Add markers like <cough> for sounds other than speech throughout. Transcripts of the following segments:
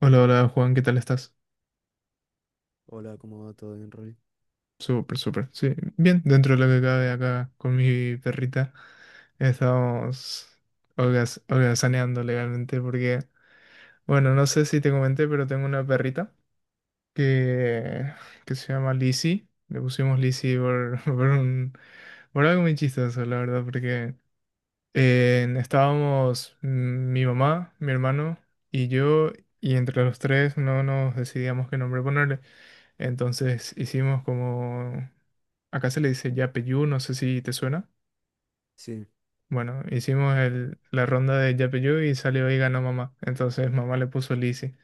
Hola, hola Juan, ¿qué tal estás? Hola, ¿cómo va todo bien, Rory? Súper, súper. Sí, bien, dentro de lo que cabe acá con mi perrita, estamos holgazaneando legalmente porque, bueno, no sé si te comenté, pero tengo una perrita que, que se llama Lizzie. Le pusimos Lizzie por, <laughs> por algo muy chistoso, la verdad, porque estábamos mi mamá, mi hermano y yo, y entre los tres no nos decidíamos qué nombre ponerle. Entonces hicimos como, acá se le dice Yapeyú, no sé si te suena. Sí, Bueno, hicimos la ronda de Yapeyú y salió y ganó mamá. Entonces mamá le puso Lizzy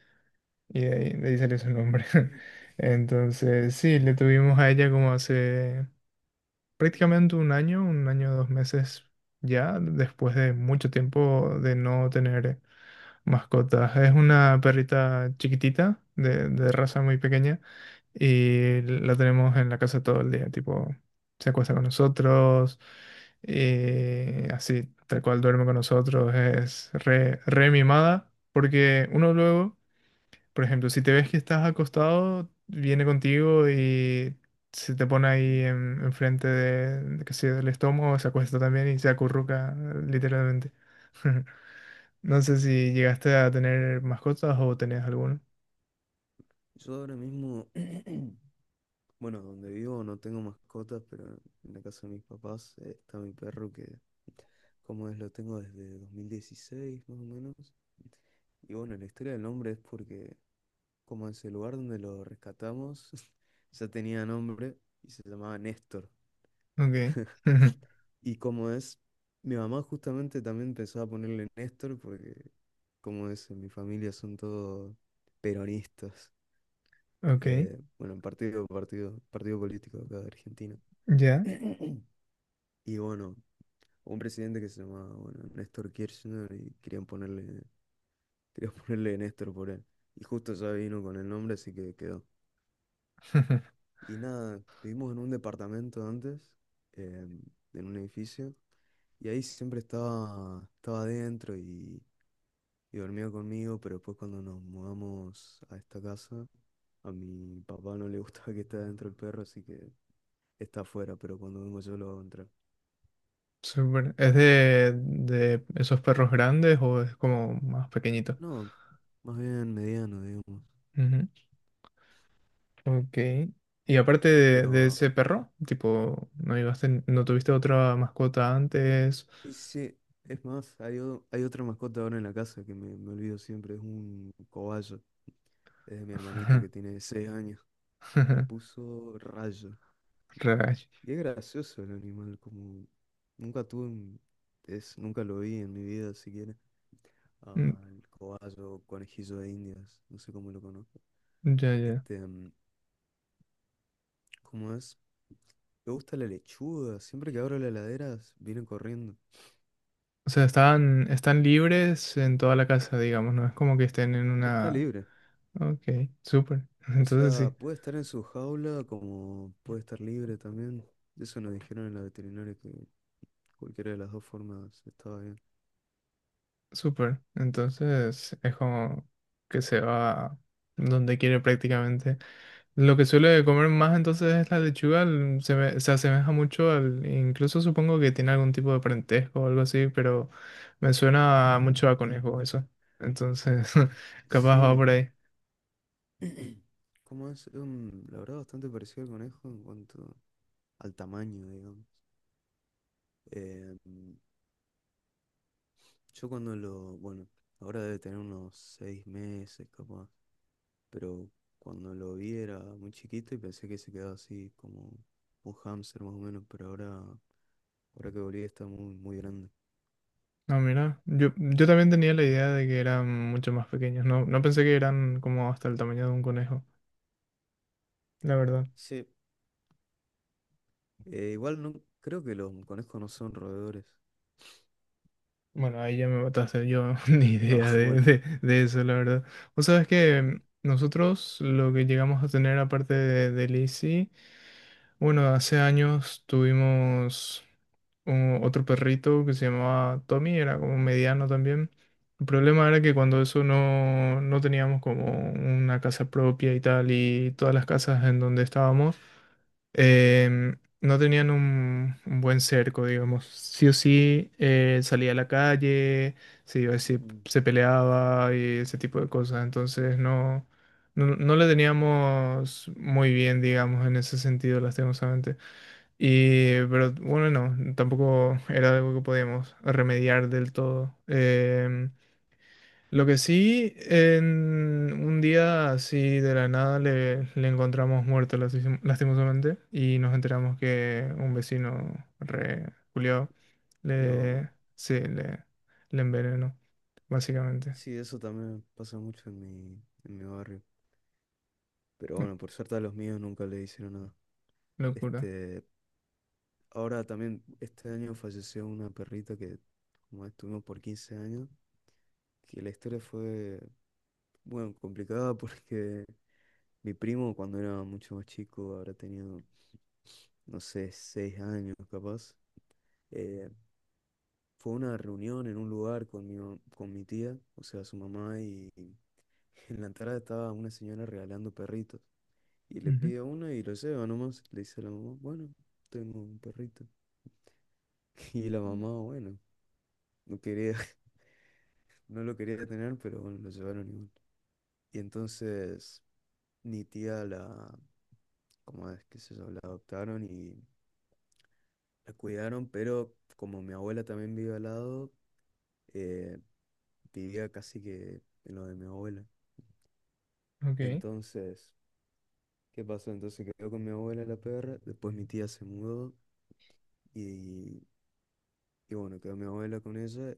y de ahí salió su nombre. <laughs> Entonces sí, eh, le tuvimos a ella como hace prácticamente un año, 2 meses ya, después de mucho tiempo de no tener mascotas. Es una perrita chiquitita, de raza muy pequeña. Y la tenemos en la casa todo el día, tipo, se acuesta con nosotros, así, tal cual duerme con nosotros, es re, re mimada, porque uno luego, por ejemplo, si te ves que estás acostado, viene contigo y se te pone ahí mm, enfrente de que sea del estómago, se acuesta también y se acurruca, literalmente. <laughs> No sé si llegaste a tener mascotas o tenés alguno. yo ahora mismo, <clears throat> bueno, donde vivo no tengo mascotas, pero en la casa de mis papás está mi perro que, como es, lo tengo desde 2016 más o menos. Y bueno, la historia del nombre es porque, como es el lugar donde lo rescatamos, <laughs> ya tenía nombre y se llamaba Néstor. Ok. <laughs> Y como es, mi mamá justamente también empezó a ponerle Néstor porque, como es, en mi familia son todos peronistas. Ok. Bueno, partido político acá de Argentina. <coughs> Ya. <clears throat> Y bueno, un presidente que se llamaba, bueno, Néstor Kirchner y querían <laughs> ponerle Néstor por él. Y justo ya vino con el nombre, así que quedó. <laughs> Y nada, vivimos en un departamento antes, eh, en un edificio, y ahí siempre estaba adentro y dormía conmigo, pero después cuando nos mudamos a esta casa, a mi papá no le gustaba que esté adentro el perro, así que está afuera, pero cuando vengo yo lo hago entrar. Súper. ¿Es de esos perros grandes o es como más pequeñito? No, más bien mediano, digamos. Ujú. Ok. Y aparte de Pero ese perro, tipo, no tuviste otra mascota antes? sí, sí, es más, hay otra mascota ahora en la casa que me olvido siempre, es un cobayo. Es de mi hermanito <laughs> que tiene 6 años. Le puso Rayo. Rayos. Y es gracioso el animal, como nunca tuve un- es, nunca lo vi en mi vida siquiera. Mm, Al cobayo, conejillo de Indias, no sé cómo lo conozco. ya, ya. Este, ¿cómo es? Me gusta la lechuga. Siempre que abro la heladera vienen corriendo. O sea, están libres en toda la casa, digamos, no es como que estén en Está una... libre. Ok, súper. <laughs> O Entonces sea, sí, puede estar en su jaula como puede estar libre también. Eso nos dijeron en la veterinaria que cualquiera de las dos formas estaba bien. súper. Entonces es como que se va donde quiere prácticamente. Lo que suele comer más entonces es la lechuga, se asemeja mucho al, incluso supongo que tiene algún tipo de parentesco o algo así, pero me suena mucho a conejo eso. Entonces, <laughs> capaz va Sí, por ahí. <clears throat> como es, la verdad bastante parecido al conejo en cuanto al tamaño, digamos. Eh, yo cuando lo, bueno, ahora debe tener unos 6 meses capaz, pero cuando lo vi era muy chiquito y pensé que se quedaba así como un hámster más o menos, pero ahora que volví está muy, muy grande. No, mira, yo, también tenía la idea de que eran mucho más pequeños, no pensé que eran como hasta el tamaño de un conejo, la verdad. Sí, igual no creo que los conejos no son roedores. Bueno, ahí ya me mataste yo <laughs> ni Ah, idea <laughs> de, bueno. de, de eso, la verdad. Vos sabés que nosotros lo que llegamos a tener aparte de Lizzie. Bueno, hace años tuvimos otro perrito que se llamaba Tommy, era como mediano también. El problema era que cuando eso no teníamos como una casa propia y tal, y todas las casas en donde estábamos, no tenían un buen cerco, digamos. Sí o sí, salía a la calle, se iba, se, Mm. se peleaba y ese tipo de cosas. Entonces no le teníamos muy bien, digamos, en ese sentido, lastimosamente. Y, pero bueno, no, tampoco era algo que podíamos remediar del todo. Lo que sí, en un día así de la nada le encontramos muerto lastimosamente y nos enteramos que un vecino re culiao No. le, sí, le envenenó, básicamente. Sí, eso también pasa mucho en en mi barrio. Pero No, bueno, por suerte a los míos nunca le hicieron nada. locura. Este, ahora también, este año falleció una perrita que como estuvimos por 15 años, que la historia fue, bueno, complicada <laughs> porque mi primo cuando era mucho más chico, habrá tenido, no sé, 6 años capaz. eh, Fue una reunión en un lugar con con mi tía, o sea, su mamá, y <laughs> en la entrada estaba una señora regalando perritos. Y le Ujú. pido uno y lo lleva nomás. Le dice a la mamá, bueno, tengo un perrito. <laughs> Y la mamá, bueno, no quería, <laughs> no lo quería tener, pero bueno, lo llevaron igual. Y entonces mi tía la, como es que se llama? La adoptaron y la cuidaron, pero como mi abuela también vive al lado, eh, vivía casi que en lo de mi abuela. Ok. Entonces, ¿qué pasó? Entonces quedó con mi abuela la perra, después mi tía se mudó y, y bueno, quedó mi abuela con ella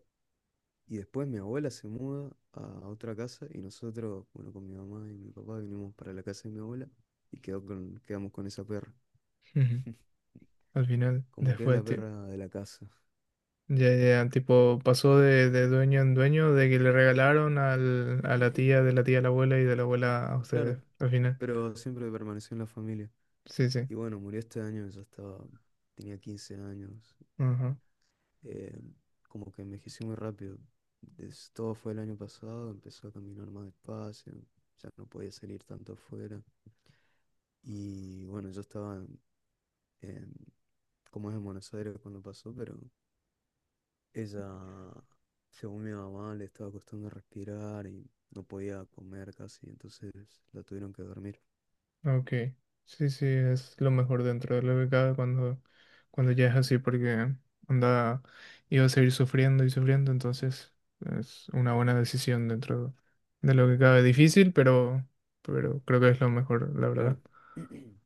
y después mi abuela se muda a otra casa y nosotros, bueno, con mi mamá y mi papá vinimos para la casa de mi abuela y quedamos con esa perra, Ujú. <laughs> Al final, como que es después, la perra de la casa. ya, ya, tipo, pasó de dueño en dueño, de que le regalaron a la tía, <laughs> de la tía a la abuela y de la abuela a Claro, ustedes, al final. pero siempre permaneció en la familia. Sí, sí. Y bueno, murió este año, ya estaba, tenía 15 años, Ajá. eh, como que envejecí muy rápido. Todo fue el año pasado, empezó a caminar más despacio, ya no podía salir tanto afuera. Y bueno, yo estaba en- como es en Buenos Aires cuando pasó, pero ella, según mi mamá, le estaba costando respirar y no podía comer casi, entonces la tuvieron que dormir. Ok. Sí, sí, es lo mejor dentro de lo que cabe cuando, ya es así, porque anda, iba a seguir sufriendo y sufriendo, entonces es una buena decisión dentro de lo que cabe. Difícil, pero creo que es lo mejor, la Claro. verdad. <clears throat>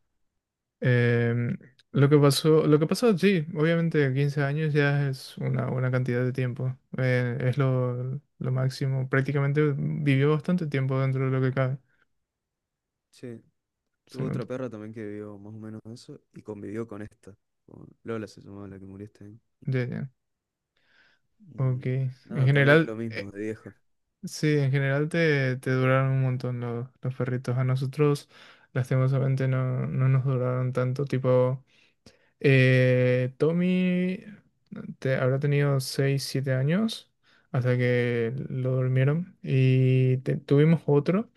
Em, lo que pasó sí, obviamente 15 años ya es una buena cantidad de tiempo. Es lo máximo. Prácticamente vivió bastante tiempo dentro de lo que cabe. Sí, Se tuve otra nota. perra también que vivió más o menos eso y convivió con esta. Con Lola se llamaba la que murió este año. Ya, ya. Ok. Y En no, también lo general, mismo de viejo. sí, en general te duraron un montón los perritos. A nosotros, lastimosamente, no nos duraron tanto. Tipo. Tommy habrá tenido 6 7 años hasta que lo durmieron y tuvimos otro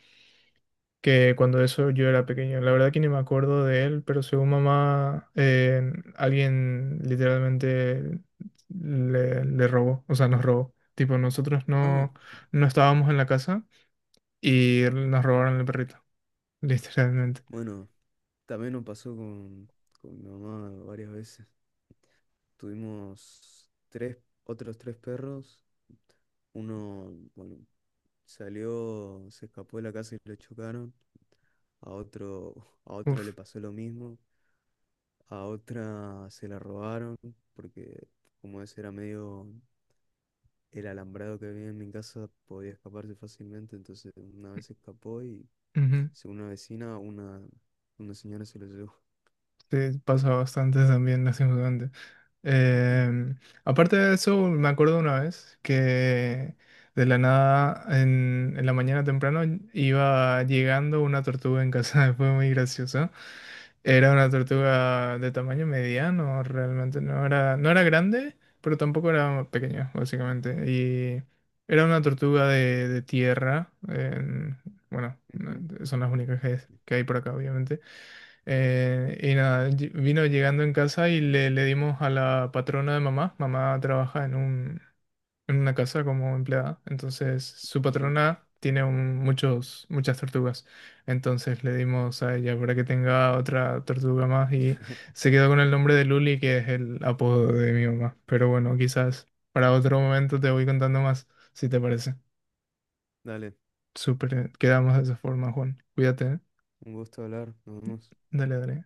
que cuando eso yo era pequeño. La verdad que ni me acuerdo de él, pero según mamá, alguien literalmente le robó, o sea, nos robó. Tipo, nosotros Ah, no estábamos en la casa y nos robaron el perrito, <laughs> literalmente. bueno, también nos pasó con mi mamá varias veces. Tuvimos otros tres perros. Uno, bueno, salió, se escapó de la casa y lo chocaron. A otro, <laughs> a otra le Uf, pasó lo mismo. A otra se la robaron porque como ese era medio el alambrado que había en mi casa podía escaparse fácilmente, entonces una vez se escapó y ujú. según una vecina, una señora se lo llevó. Sí, pasa bastante también, lastimosamente. Em, Aparte de eso, me acuerdo una vez que de la nada en la mañana temprano iba llegando una tortuga en casa, <laughs> fue muy gracioso. Era una tortuga de tamaño mediano, realmente no era grande, pero tampoco era pequeña, básicamente. Y era una tortuga de tierra, bueno, Ujú, son las únicas que hay por acá, obviamente. Y nada, vino llegando en casa y le dimos a la patrona de mamá. Mamá trabaja en un, en una casa como empleada. Entonces, su sí, patrona tiene muchas tortugas. Entonces le dimos a ella para que tenga otra tortuga más y se quedó con el nombre de Luli, que es el apodo de mi mamá. Pero bueno, quizás para otro momento te voy contando más, si te parece. dale, Súper, quedamos de esa forma, Juan. Cuídate, ¿eh? un gusto hablar, nos vemos. Dale, dale.